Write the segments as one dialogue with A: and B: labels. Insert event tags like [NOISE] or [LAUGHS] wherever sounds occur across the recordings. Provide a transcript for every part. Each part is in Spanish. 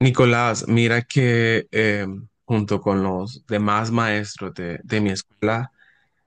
A: Nicolás, mira que junto con los demás maestros de mi escuela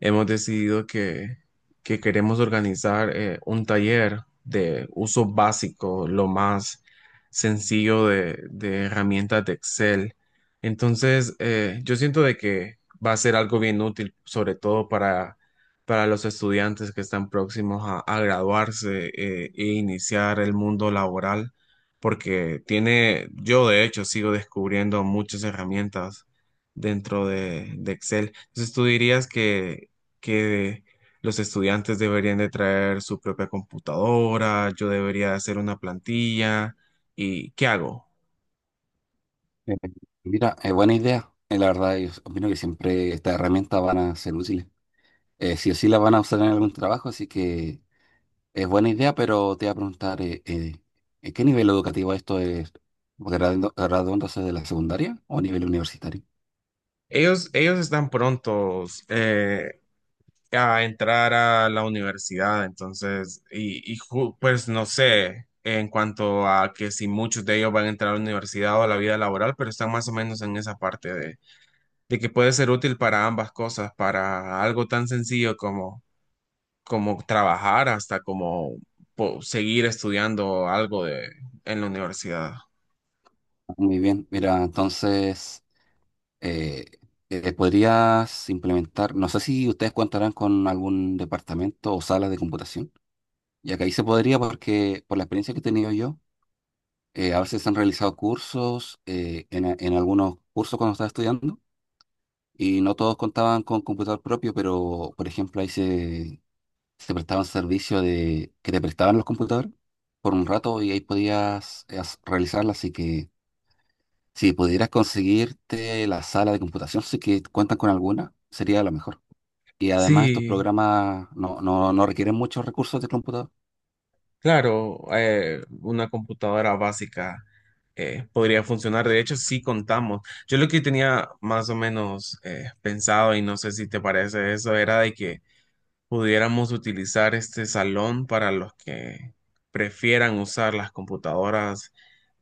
A: hemos decidido que queremos organizar un taller de uso básico, lo más sencillo de herramientas de Excel. Entonces, yo siento de que va a ser algo bien útil, sobre todo para los estudiantes que están próximos a graduarse e iniciar el mundo laboral porque tiene, yo de hecho sigo descubriendo muchas herramientas dentro de Excel. Entonces, ¿tú dirías que los estudiantes deberían de traer su propia computadora? ¿Yo debería hacer una plantilla? ¿Y qué hago?
B: Eh, Mira, es buena idea. La verdad, yo opino que siempre estas herramientas van a ser útiles. Sí o sí las van a usar en algún trabajo, así que es buena idea, pero te voy a preguntar, ¿en ¿qué nivel educativo esto es? ¿Graduándose de la secundaria o a nivel universitario?
A: Ellos están prontos. A entrar a la universidad, entonces, pues no sé en cuanto a que si muchos de ellos van a entrar a la universidad o a la vida laboral, pero están más o menos en esa parte de que puede ser útil para ambas cosas, para algo tan sencillo como trabajar hasta como seguir estudiando algo en la universidad.
B: Muy bien, mira, entonces eh, podrías implementar, no sé si ustedes contarán con algún departamento o sala de computación, ya que ahí se podría porque por la experiencia que he tenido yo. A veces se han realizado cursos, en algunos cursos cuando estaba estudiando, y no todos contaban con computador propio, pero por ejemplo se prestaban servicios de que te prestaban los computadores por un rato y ahí podías realizarla. Así que si pudieras conseguirte la sala de computación, sí que cuentan con alguna, sería lo mejor. Y además estos
A: Sí.
B: programas no requieren muchos recursos de computador.
A: Claro, una computadora básica podría funcionar. De hecho, sí contamos. Yo lo que tenía más o menos pensado, y no sé si te parece eso, era de que pudiéramos utilizar este salón para los que prefieran usar las computadoras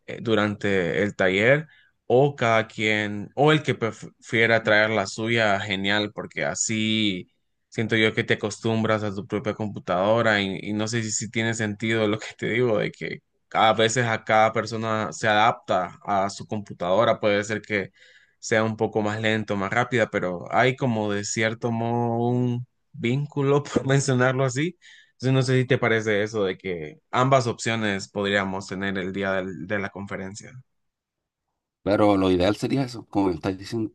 A: durante el taller, o cada quien, o el que prefiera traer la suya, genial, porque así siento yo que te acostumbras a tu propia computadora y no sé si tiene sentido lo que te digo, de que a veces a cada persona se adapta a su computadora, puede ser que sea un poco más lento, más rápida, pero hay como de cierto modo un vínculo, [LAUGHS] por mencionarlo así. Entonces, no sé si te parece eso de que ambas opciones podríamos tener el día de la conferencia.
B: Claro, lo ideal sería eso, como me estás diciendo,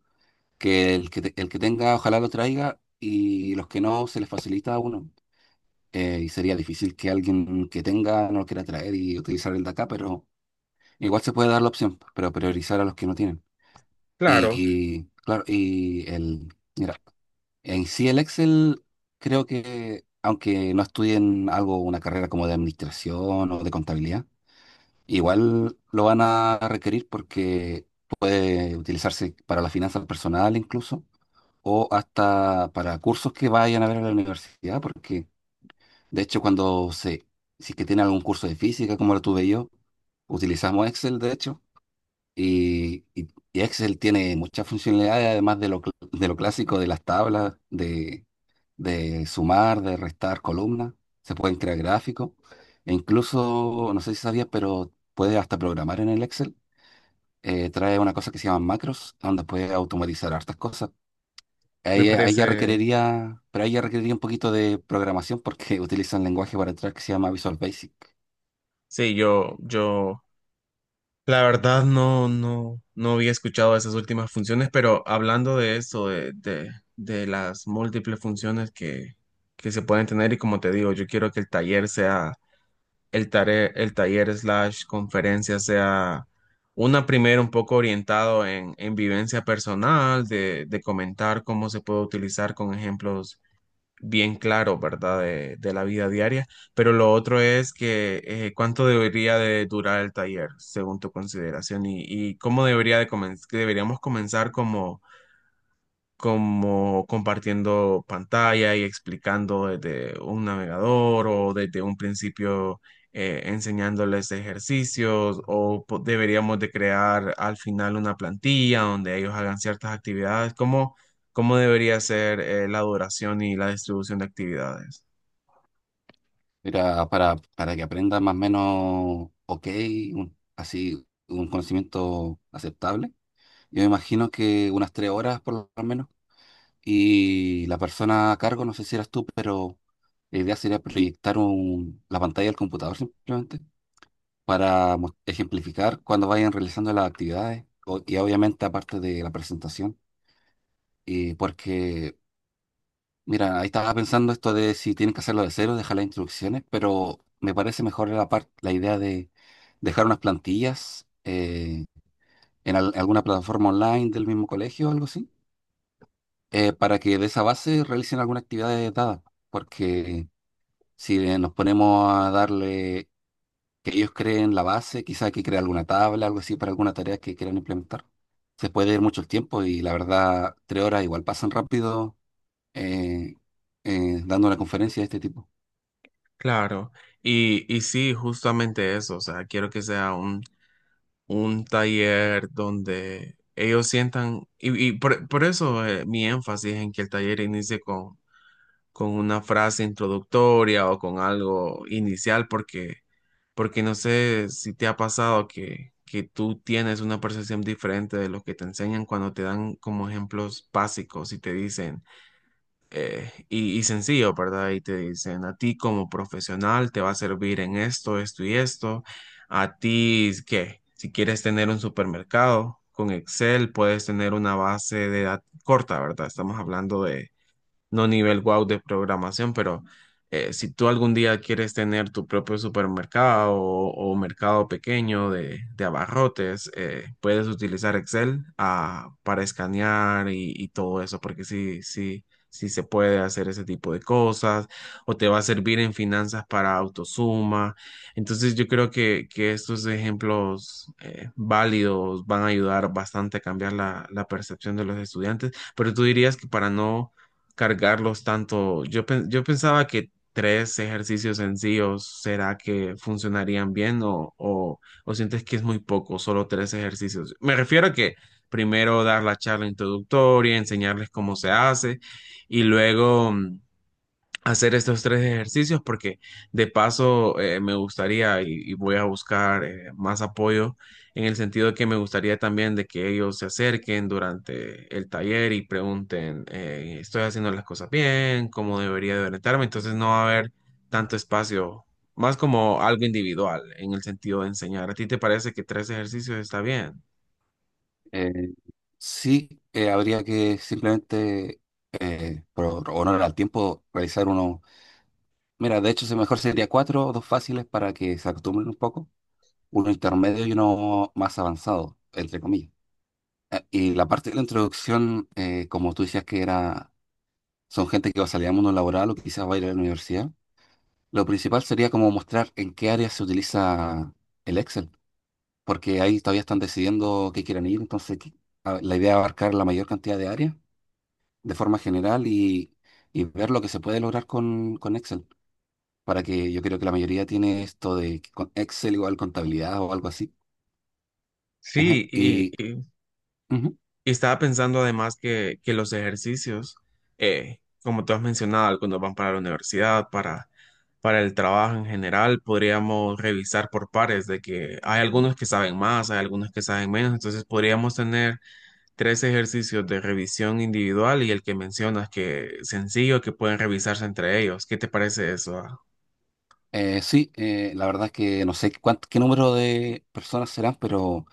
B: que el que tenga ojalá lo traiga y los que no se les facilita a uno. Y sería difícil que alguien que tenga no lo quiera traer y utilizar el de acá, pero igual se puede dar la opción, pero priorizar a los que no tienen.
A: Claro,
B: Y, claro, mira, en sí el Excel creo que aunque no estudien algo, una carrera como de administración o de contabilidad, igual lo van a requerir porque puede utilizarse para la finanza personal incluso o hasta para cursos que vayan a ver a la universidad, porque de hecho si es que tienen algún curso de física, como lo tuve yo, utilizamos Excel, de hecho, y, y- y Excel tiene muchas funcionalidades, además de de lo clásico de las tablas, de sumar, de restar columnas, se pueden crear gráficos, e incluso, no sé si sabías, pero puedes hasta programar en el Excel. Eh, trae una cosa que se llama macros, donde puedes automatizar hartas cosas.
A: me
B: Ahí ya
A: parece.
B: requeriría, pero ahí ya requeriría un poquito de programación porque [LAUGHS] utiliza un lenguaje para entrar que se llama Visual Basic.
A: Sí, yo, la verdad no había escuchado esas últimas funciones, pero hablando de eso, de las múltiples funciones que se pueden tener y, como te digo, yo quiero que el taller sea el taller slash conferencia, sea una primera un poco orientado en vivencia personal, de comentar cómo se puede utilizar con ejemplos bien claros, ¿verdad? De la vida diaria. Pero lo otro es que cuánto debería de durar el taller, según tu consideración, y cómo debería de que deberíamos comenzar, como compartiendo pantalla y explicando desde un navegador o desde un principio, enseñándoles ejercicios o deberíamos de crear al final una plantilla donde ellos hagan ciertas actividades. Cómo debería ser la duración y la distribución de actividades?
B: Era para que aprenda más o menos ok, así un conocimiento aceptable. Yo me imagino que unas 3 horas por lo menos. Y la persona a cargo, no sé si eras tú, pero la idea sería proyectar la pantalla del computador simplemente para ejemplificar cuando vayan realizando las actividades y obviamente aparte de la presentación. Y porque Mira, ahí estaba pensando esto de si tienes que hacerlo de cero, dejar las instrucciones, pero me parece mejor la idea de dejar unas plantillas alguna plataforma online del mismo colegio o algo así, para que de esa base realicen alguna actividad dada, porque si nos ponemos a darle que ellos creen la base, quizá hay que crear alguna tabla, algo así para alguna tarea que quieran implementar. Se puede ir mucho el tiempo y la verdad, 3 horas igual pasan rápido eh, dando una conferencia de este tipo.
A: Claro, y sí, justamente eso, o sea, quiero que sea un taller donde ellos sientan, y por eso mi énfasis en que el taller inicie con una frase introductoria o con algo inicial, porque no sé si te ha pasado que tú tienes una percepción diferente de lo que te enseñan cuando te dan como ejemplos básicos y te dicen sencillo, ¿verdad? Y te dicen, a ti como profesional te va a servir en esto, esto y esto. A ti, ¿qué? Si quieres tener un supermercado con Excel, puedes tener una base de datos corta, ¿verdad? Estamos hablando de no nivel wow de programación, pero si tú algún día quieres tener tu propio supermercado o mercado pequeño de abarrotes, puedes utilizar Excel, para escanear y todo eso, porque sí, sí, sí se puede hacer ese tipo de cosas, o te va a servir en finanzas para autosuma. Entonces yo creo que estos ejemplos válidos van a ayudar bastante a cambiar la, la percepción de los estudiantes, pero tú dirías que para no cargarlos tanto. Yo pensaba que tres ejercicios sencillos, ¿será que funcionarían bien, o sientes que es muy poco, solo tres ejercicios? Me refiero a que primero dar la charla introductoria, enseñarles cómo se hace y luego... mm, hacer estos tres ejercicios, porque de paso me gustaría, y voy a buscar más apoyo en el sentido de que me gustaría también de que ellos se acerquen durante el taller y pregunten, ¿estoy haciendo las cosas bien? ¿Cómo debería de orientarme? Entonces no va a haber tanto espacio, más como algo individual en el sentido de enseñar. ¿A ti te parece que tres ejercicios está bien?
B: Eh, sí, habría que simplemente, por honor al tiempo, realizar uno. Mira, de hecho, mejor sería cuatro o dos fáciles para que se acostumbren un poco, uno intermedio y uno más avanzado, entre comillas. Y la parte de la introducción, como tú decías que era, son gente que va a salir al mundo laboral o que quizás va a ir a la universidad. Lo principal sería como mostrar en qué área se utiliza el Excel, porque ahí todavía están decidiendo qué quieren ir, la idea es abarcar la mayor cantidad de áreas de forma general y ver lo que se puede lograr con Excel, para que yo creo que la mayoría tiene esto de que con Excel igual contabilidad o algo así.
A: Sí, y,
B: Y
A: y
B: ujú,
A: Y estaba pensando además que los ejercicios, eh, como tú has mencionado, algunos van para la universidad, para el trabajo en general, podríamos revisar por pares de que hay algunos que saben más, hay algunos que saben menos, entonces podríamos tener tres ejercicios de revisión individual y el que mencionas que sencillo, que pueden revisarse entre ellos. ¿Qué te parece eso? ¿Ah?
B: sí, la verdad es que no sé qué número de personas serán, pero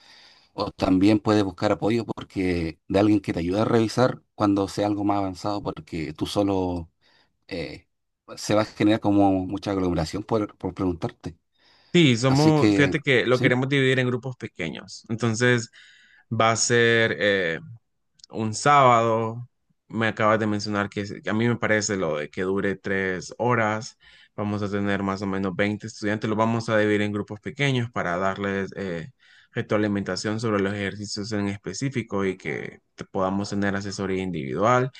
B: o también puedes buscar apoyo porque de alguien que te ayude a revisar cuando sea algo más avanzado, porque tú solo eh, se va a generar como mucha aglomeración por preguntarte.
A: Sí,
B: Así
A: somos,
B: que...
A: fíjate que lo
B: Sí.
A: queremos dividir en grupos pequeños. Entonces va a ser, un sábado. Me acabas de mencionar que a mí me parece lo de que dure 3 horas. Vamos a tener más o menos 20 estudiantes. Los vamos a dividir en grupos pequeños para darles retroalimentación sobre los ejercicios en específico y que podamos tener asesoría individual.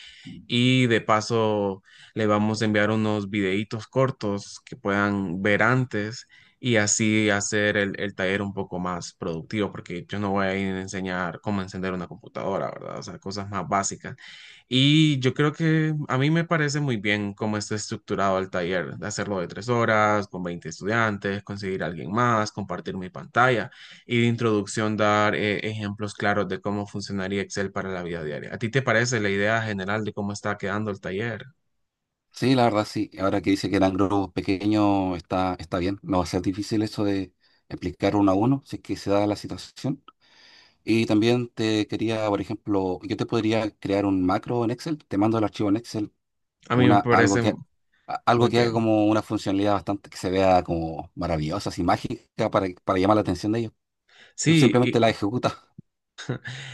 A: Y de paso le vamos a enviar unos videitos cortos que puedan ver antes y así hacer el taller un poco más productivo, porque yo no voy a ir a enseñar cómo encender una computadora, ¿verdad? O sea, cosas más básicas. Y yo creo que a mí me parece muy bien cómo está estructurado el taller, de hacerlo de 3 horas, con 20 estudiantes, conseguir a alguien más, compartir mi pantalla y de introducción dar ejemplos claros de cómo funcionaría Excel para la vida diaria. ¿A ti te parece la idea general de cómo está quedando el taller?
B: Sí, la verdad sí. Ahora que dice que eran grupos pequeños, está, está bien. No va a ser difícil eso de explicar uno a uno, si es que se da la situación. Y también te quería, por ejemplo, yo te podría crear un macro en Excel, te mando el archivo en Excel,
A: A mí me
B: una,
A: parece
B: algo
A: muy
B: que haga
A: bien.
B: como una funcionalidad bastante que se vea como maravillosa, así mágica, para llamar la atención de ellos. Tú simplemente
A: Sí.
B: la ejecutas,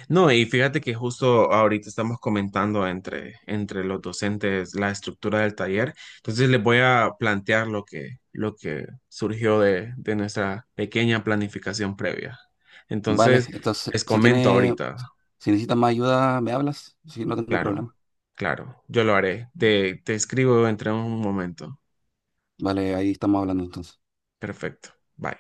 A: No, y fíjate que justo ahorita estamos comentando entre los docentes la estructura del taller. Entonces les voy a plantear lo que surgió de nuestra pequeña planificación previa.
B: [LAUGHS] ¿vale?
A: Entonces,
B: Entonces,
A: les
B: si
A: comento
B: tiene,
A: ahorita.
B: si necesitas más ayuda, me hablas, si no tengo
A: Claro,
B: problema.
A: claro, yo lo haré. Te escribo entre un momento.
B: Vale, ahí estamos hablando entonces.
A: Perfecto. Bye.